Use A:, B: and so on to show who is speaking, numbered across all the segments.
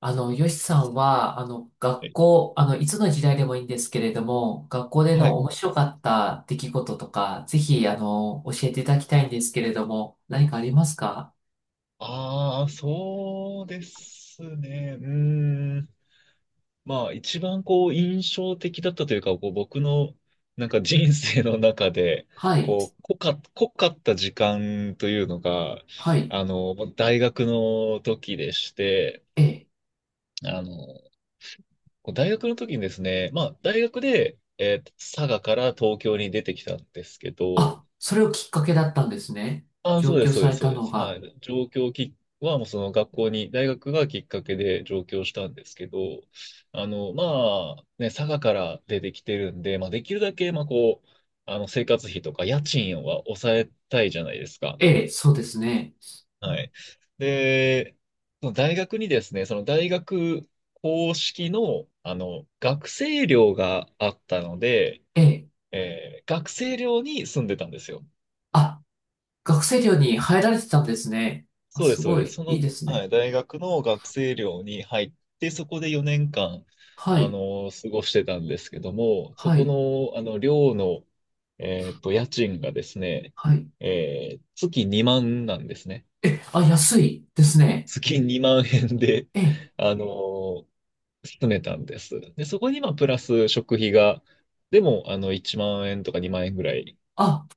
A: よしさんは、
B: は
A: 学
B: い。
A: 校、あの、いつの時代でもいいんですけれども、学校で
B: は
A: の
B: い。
A: 面白かった出来事とか、ぜひ、教えていただきたいんですけれども、何かありますか？
B: ああ、そうですね。うーん。まあ、一番こう、印象的だったというか、こう、僕の、なんか人生の中で、
A: はい、
B: こう、濃かった時間というのが、
A: はい、
B: あの、大学の時でして、
A: ええ。
B: あの、こう大学の時にですね、まあ、大学で、佐賀から東京に出てきたんですけど、
A: あ、それをきっかけだったんですね。
B: あ、
A: 上
B: そうで
A: 京
B: す、そう
A: さ
B: で
A: れ
B: す、そう
A: た
B: で
A: の
B: す。は
A: が。
B: い。上京きは、もうその学校に、大学がきっかけで上京したんですけど、あの、まあ、ね、佐賀から出てきてるんで、まあ、できるだけ、まあ、こう、あの、生活費とか家賃は抑えたいじゃないですか。
A: ええ、そうですね。
B: はい。で、その大学にですね、その大学公式の、あの、学生寮があったので、
A: ええ。
B: 学生寮に住んでたんですよ。
A: あ、学生寮に入られてたんですね。あ、
B: そうで
A: す
B: す、そう
A: ご
B: です。
A: い、
B: そ
A: いい
B: の、
A: です
B: は
A: ね。
B: い、大学の学生寮に入って、そこで4年間、
A: は
B: あ
A: い、
B: の、過ごしてたんですけども、そ
A: は
B: こ
A: い、
B: の、あの、寮の、えっと、家賃がですね、
A: はい。
B: 月2万なんですね。
A: え、あ、安いですね。
B: 月2万円で、
A: ええ、
B: あの、住めたんです。で、そこに、まあ、プラス食費が、でも、あの、1万円とか2万円ぐらい。
A: あ、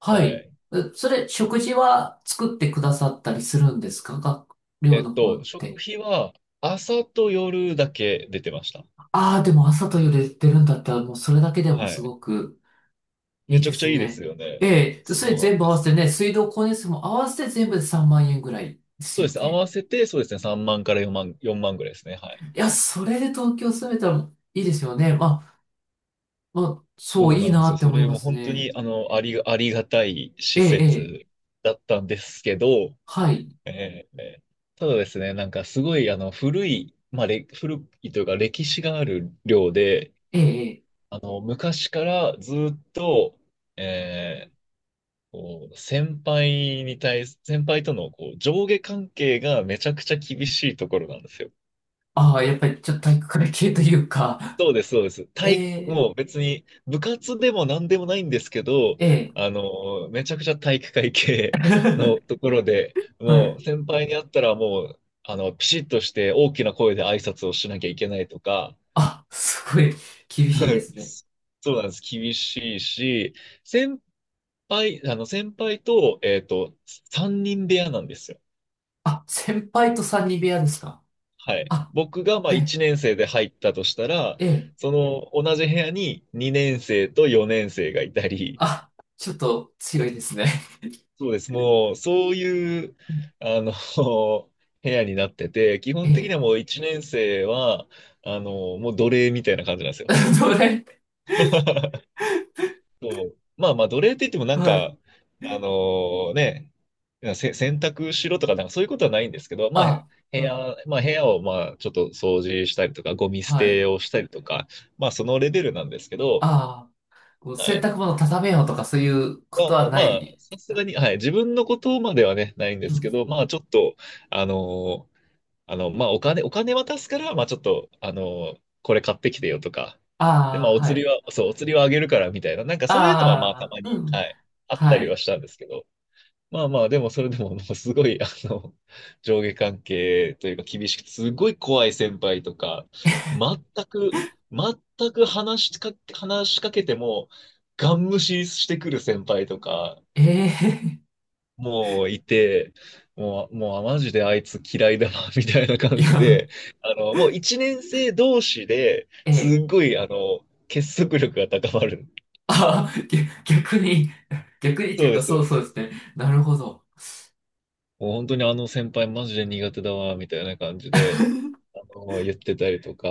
A: は
B: は
A: い。
B: い。
A: えそれ、食事は作ってくださったりするんですか学
B: え
A: 寮
B: っ
A: の方っ
B: と、食
A: て？
B: 費は、朝と夜だけ出てました。
A: ああ、でも朝と夜出てるんだったら、もうそれだけでも
B: は
A: す
B: い。
A: ごく
B: め
A: いい
B: ちゃ
A: で
B: くちゃ
A: す
B: いいです
A: ね。
B: よね。
A: ええ、それ
B: そうなん
A: 全部
B: で
A: 合わ
B: す。
A: せてね、水道光熱費も合わせて全部で3万円ぐらいです
B: そうで
A: よ
B: すね。合
A: ね。
B: わせて、そうですね。3万から4万、4万ぐらいですね。はい。
A: いや、それで東京住めたらいいですよね。まあ、そう、
B: そう
A: いい
B: なんで
A: な
B: すよ。
A: って
B: そ
A: 思い
B: れ
A: ま
B: も
A: す
B: 本当
A: ね。
B: に、あの、ありがたい
A: え
B: 施
A: え、ええ、
B: 設だったんですけど、
A: はい。
B: えーえーただですね、なんかすごい、あの、古い、まあ、古いというか歴史がある寮で、
A: ええ、ええ。
B: あの、昔からずっと、えーこう先輩に対す、先輩とのこう上下関係がめちゃくちゃ厳しいところなんですよ。
A: ああ、やっぱりちょっと体育会系というか、
B: そうです、そうです。
A: え
B: 体育、
A: え、
B: もう別に部活でも何でもないんですけど、
A: ええ。
B: あの、めちゃくちゃ体育会系のと ころで、
A: は
B: も
A: い。
B: う先輩に会ったらもう、あの、ピシッとして大きな声で挨拶をしなきゃいけないとか、
A: あ、すごい厳しいで すね。
B: そうなんです。厳しいし、先先輩と、えっと、3人部屋なんですよ。
A: あ、先輩と三人部屋ですか？
B: はい。
A: あ、
B: 僕がまあ
A: え
B: 1年生で入ったとしたら、
A: え、ええ、
B: その同じ部屋に2年生と4年生がいたり、
A: あ、ちょっと強いですね。
B: そうです。もう、そういう、あの、部屋になってて、基
A: え
B: 本的に
A: え、
B: はもう1年生は、あの、もう奴隷みたいな感じなんですよ。
A: どれ
B: そう。まあまあ、奴隷って言ってもなん
A: はい。
B: か、あのね、洗濯しろとか、なんかそういうことはないんですけど、まあ、
A: あ、うん、
B: 部屋をまあちょっと掃除したりとか、ゴミ捨
A: は
B: て
A: い。
B: をしたりとか、まあそのレベルなんですけど、
A: ああ、こう
B: は
A: 洗
B: い。
A: 濯物畳めようとかそういうこ
B: まあ
A: と
B: ま
A: は
B: あ
A: な
B: まあ、
A: い。
B: さすがに、はい、自分のことまではね、ないんで
A: う
B: す
A: ん、
B: けど、まあちょっと、あのあの、まあ、お金渡すから、まあ、ちょっと、あの、これ買ってきてよとか、で、
A: あ
B: ま
A: あ、
B: あ、お
A: は
B: 釣り
A: い。
B: は、そう、お釣りはあげるからみたいな、なんかそういうのは、まあ、た
A: あ
B: ま
A: あ、う
B: に、
A: ん、
B: はい、あった
A: は
B: りは
A: い。
B: したんですけど、まあまあ、でも、それでも、もうすごい、あの、上下関係というか、厳しくて、すごい怖い先輩とか、全く、全く話しか、話しかけても、ガン無視してくる先輩とか、
A: ええ、
B: もういて、もう、あマジであいつ嫌いだな、みたいな 感
A: い
B: じ
A: や、
B: で、あの、もう一年生同士で、
A: え
B: す
A: え、
B: っごい、あの、結束力が高まる。
A: ああ、ぎ逆に、逆にって
B: そ
A: い
B: う
A: う
B: で
A: か、
B: す、そ
A: そ
B: う
A: う
B: で
A: そうで
B: す。
A: すね。なるほど。
B: もう本当にあの先輩マジで苦手だわ、みたいな感じで、あの、言ってたりとか、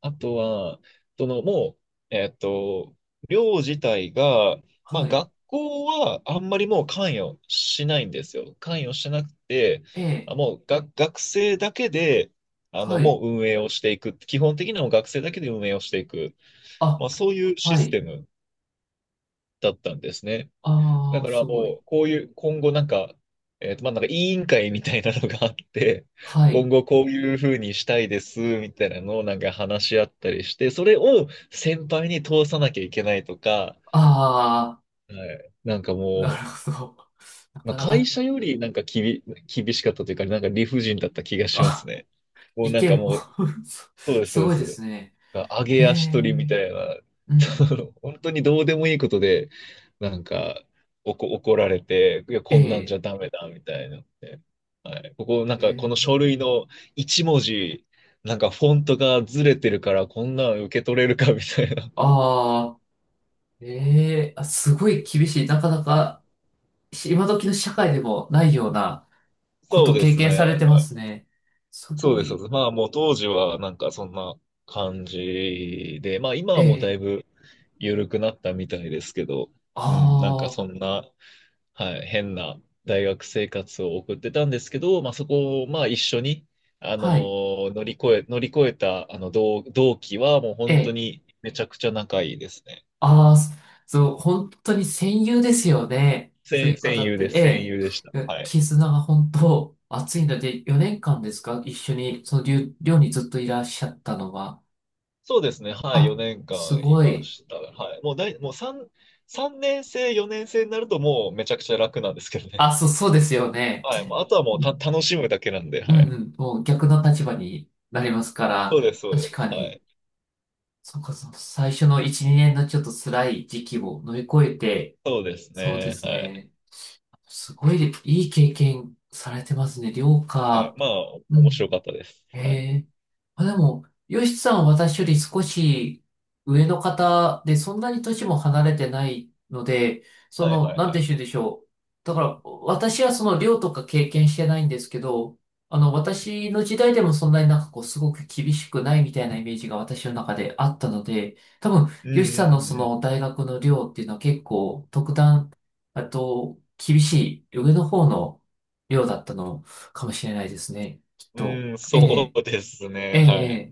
B: あとは、その、もう、えっと、寮自体が、ま
A: は
B: あ、
A: い。
B: 学校はあんまりもう関与しないんですよ。関与しなくて、
A: え
B: あ
A: え、
B: もうが学生だけで、あ
A: は
B: の、も
A: い。
B: う運営をしていく。基本的にはもう学生だけで運営をしていく。ま
A: あ、
B: あ、そういうシ
A: は
B: ス
A: い。
B: テムだったんですね。だ
A: ああ、
B: か
A: す
B: ら
A: ごい。
B: もう、こういう、今後なんか、えっと、まあ、なんか委員会みたいなのがあって、
A: は
B: 今
A: い。
B: 後こういうふうにしたいです、みたいなのをなんか話し合ったりして、それを先輩に通さなきゃいけないとか、
A: ああ、
B: はい。なんか
A: な
B: も
A: る
B: う、
A: ほど。な
B: まあ、
A: かな
B: 会
A: か、
B: 社よりなんか厳しかったというか、なんか理不尽だった気がします
A: あ、
B: ね。もう
A: 意
B: なんか
A: 見も
B: もう、
A: す
B: そうです、
A: す
B: そうで
A: ごいです
B: す。
A: ね。
B: 上
A: へ
B: げ足取
A: え、
B: りみたいな、
A: う
B: そ
A: ん。
B: の本当にどうでもいいことで、なんか、怒られて、いや、
A: え
B: こんなんじ
A: え、
B: ゃダメだ、みたいなので。はい。ここ、なん
A: え
B: か、この書
A: え、
B: 類の一文字、なんか、フォントがずれてるから、こんなん受け取れるか、みたいな。
A: ああ、ええ、あ、すごい厳しい。なかなか、今時の社会でもないようなこ
B: そう
A: と
B: で
A: 経
B: すね。
A: 験されてま
B: はい。
A: すね。す
B: そう
A: ご
B: です、そうで
A: い。
B: す。まあもう当時はなんかそんな感じで、まあ今
A: え
B: はもうだい
A: え、
B: ぶ緩くなったみたいですけど、うん、なんか
A: ああ、
B: そんな、はい、変な大学生活を送ってたんですけど、まあそこをまあ一緒に、
A: はい。
B: 乗り越えたあの同期はもう
A: え
B: 本当
A: え、
B: にめちゃくちゃ仲いいですね。
A: ああ、そう、本当に戦友ですよね。そういう方って。え
B: 戦友でした。
A: え、
B: はい。
A: 絆が本当熱いので、4年間ですか一緒に、その寮にずっといらっしゃったのは。
B: そうですね。はい。
A: あ、
B: 4年
A: す
B: 間い
A: ご
B: ま
A: い。
B: した。はい。もうだい、もう3、三年生、4年生になるともうめちゃくちゃ楽なんですけどね。
A: あ、そう、そうですよ ね。
B: はい。もうあとは
A: う
B: もう
A: ん
B: 楽しむだけなんで、
A: う
B: はい。
A: ん。もう逆の立場になりますか
B: そ
A: ら、
B: うです、そう
A: 確
B: です。
A: か
B: は
A: に、
B: い。
A: そうか、そう、最初の1、2年のちょっと辛い時期を乗り越えて、
B: そうです
A: そうで
B: ね。
A: す
B: はい。
A: ね、すごいいい経験されてますね、寮
B: はい。
A: か。
B: まあ、
A: う
B: 面白
A: ん。
B: かったです。
A: え
B: はい。
A: え。あ、でも、ヨシさんは私より少し上の方で、そんなに年も離れてないので、そ
B: はい、
A: の、
B: はい、
A: なん
B: は
A: て
B: い。
A: 言うんでしょう。だから、私はその寮とか経験してないんですけど、私の時代でもそんなになんかこう、すごく厳しくないみたいなイメージが私の中であったので、多分、
B: う
A: ヨシさんの
B: ん、
A: そ
B: う
A: の
B: ん、
A: 大学の寮っていうのは結構特段、あと、厳しい上の方の寮だったのかもしれないですね。きっ
B: う
A: と。
B: ん。うん、
A: え
B: そ
A: え、
B: うです
A: え
B: ね。
A: え、
B: はい。
A: ええ。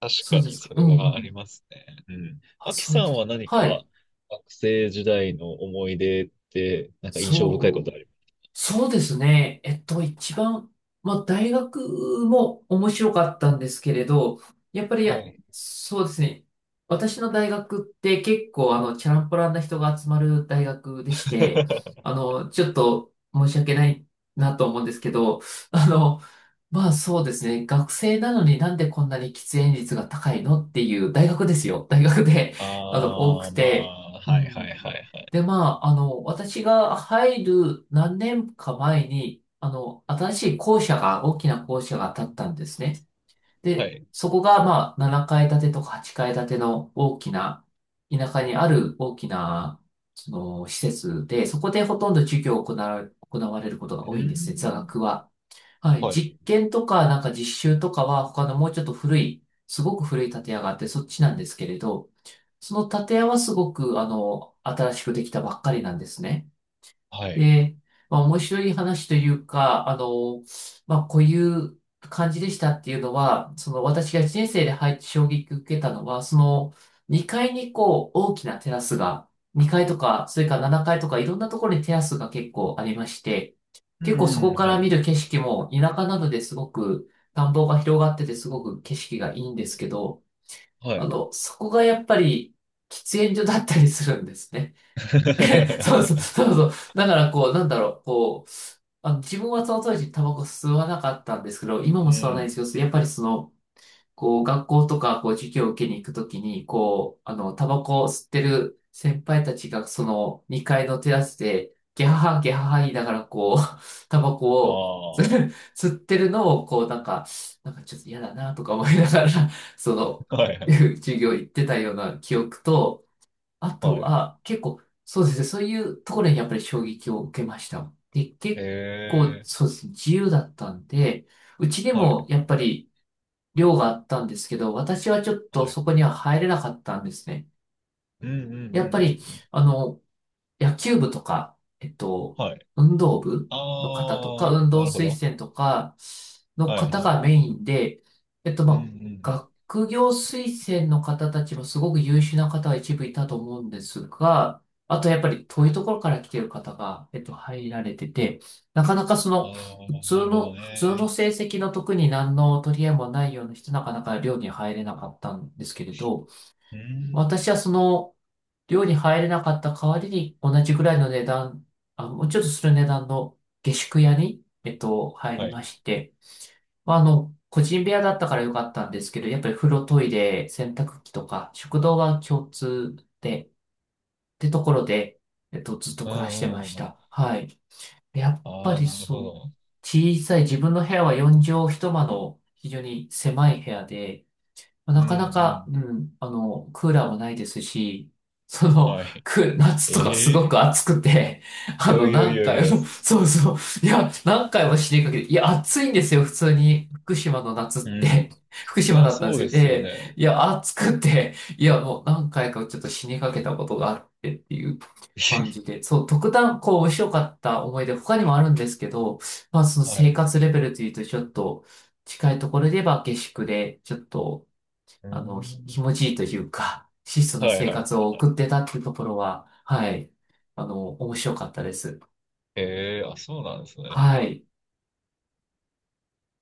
B: 確
A: そ
B: か
A: うで
B: に、
A: すか。
B: そ
A: う
B: れ
A: んう
B: はあり
A: ん。
B: ますね。うん。
A: あ、
B: アキ
A: そ
B: さ
A: うで
B: んは
A: す。
B: 何
A: はい。
B: か学生時代の思い出って、なんか印象深いこ
A: そ
B: とあ
A: う
B: り
A: そうですね。一番、まあ、大学も面白かったんですけれど、やっぱり、
B: ます？はい。
A: そうですね。私の大学って結構、チャランポランな人が集まる大学でして、ちょっと申し訳ないなと思うんですけど、あの、まあそうですね。学生なのになんでこんなに喫煙率が高いのっていう大学ですよ。大学で、多く
B: ああ、ま
A: て、
B: あ、
A: う
B: はいは
A: ん。
B: いはいはい。
A: で、まあ、私が入る何年か前に、新しい校舎が、大きな校舎が建ったんですね。
B: は
A: で、
B: い。
A: そこが、まあ、7階建てとか8階建ての大きな、田舎にある大きな、その、施設で、そこでほとんど授業を行われることが
B: う
A: 多
B: ー
A: いんですね、座
B: ん。
A: 学は。はい。
B: はい。
A: 実験とか、なんか実習とかは、他のもうちょっと古い、すごく古い建屋があって、そっちなんですけれど、その建屋はすごく、新しくできたばっかりなんですね。
B: はい。
A: で、まあ、面白い話というか、まあ、こういう感じでしたっていうのは、その私が人生で入って衝撃を受けたのは、その2階にこう大きなテラスが、2階とか、それから7階とかいろんなところにテラスが結構ありまして、
B: う
A: 結構そ
B: んう
A: こ
B: ん、
A: から
B: は
A: 見
B: い。
A: る景色も田舎なのですごく田んぼが広がっててすごく景色がいいんですけど、
B: はい。
A: そこがやっぱり喫煙所だったりするんですね。そうそうそ うそう。だからこう、なんだろう、こう、自分はその当時タバコ吸わなかったんですけど、今
B: う
A: も吸わないんで
B: ん。
A: すけど、やっぱりその、こう、学校とか、こう、授業を受けに行くときに、こう、タバコを吸ってる先輩たちが、その、2階のテラスで、ゲハハ、ゲハハ言いながら、こう、タバコ
B: あ
A: を、
B: あ、は
A: 吸ってるのを、こう、なんか、なんかちょっと嫌だな、とか思いながら、その、
B: いは い。
A: 授業行ってたような記憶と、あと
B: はい。
A: は、結構、そうですね、そういうところにやっぱり衝撃を受けました。で、
B: え
A: 結構、
B: え、
A: そうですね、自由だったんで、うちで
B: はい。
A: も、やっぱり、寮があったんですけど、私は
B: はいはいええ
A: ちょっ
B: は
A: と
B: いは
A: そ
B: い
A: こには入れなかったんですね。
B: うんうんうんうん
A: やっぱり、
B: うん。
A: あの、野球部とか、
B: はい。
A: 運動部の方とか、
B: あ
A: 運
B: あ、
A: 動
B: なるほ
A: 推
B: ど。
A: 薦とかの
B: はい
A: 方
B: は
A: が
B: い。
A: メインで、
B: うんうん
A: ま
B: うん。
A: あ、学業推薦の方たちもすごく優秀な方が一部いたと思うんですが、あとやっぱり遠いところから来ている方が、入られてて、なかなかそ
B: あ
A: の、
B: あ、なるほど
A: 普通の
B: ね。
A: 成績の特に何の取り合いもないような人、なかなか寮に入れなかったんですけれど、
B: うん。
A: 私はその、寮に入れなかった代わりに同じぐらいの値段、あ、もうちょっとする値段の下宿屋に、入り
B: はい。
A: まして、まあ、個人部屋だったからよかったんですけど、やっぱり風呂、トイレ、洗濯機とか、食堂が共通で、ってところで、ずっと
B: うん
A: 暮ら
B: う
A: してま
B: んう
A: し
B: んうん。
A: た。はい。やっぱ
B: ああ、
A: り
B: なるほ
A: そう。
B: ど。
A: 小さい、自分の部屋は4畳一間の非常に狭い部屋で、まあ
B: うん
A: なかな
B: う
A: か、
B: ん。
A: うん、クーラーもないですし、その、
B: は
A: 夏とかすご
B: い。え
A: く
B: え
A: 暑くて、
B: いやいやい
A: 何
B: やい
A: 回
B: や。
A: も、そうそう、いや、何回も死にかけて、いや、暑いんですよ、普通に。福島の夏っ
B: う
A: て、
B: ん。そ
A: 福
B: れ
A: 島
B: は
A: だったんで
B: そう
A: す
B: で
A: けど、
B: すよ
A: え
B: ね。
A: いや、暑くて、いや、もう何回かちょっと死にかけたことがあってっていう感 じで、そう、特段、こう、面白かった思い出、他にもあるんですけど、まあ、その
B: は
A: 生
B: い。
A: 活レベルというと、ちょっと、近いところで言えば下宿で、ちょっと、
B: う
A: 気
B: ん。
A: 持ちいいというか、質素な
B: はい
A: 生
B: はい
A: 活
B: は
A: を
B: い。
A: 送ってたっていうところは、はい、面白かったです。
B: ええ、あ、そうなんですね。
A: はい。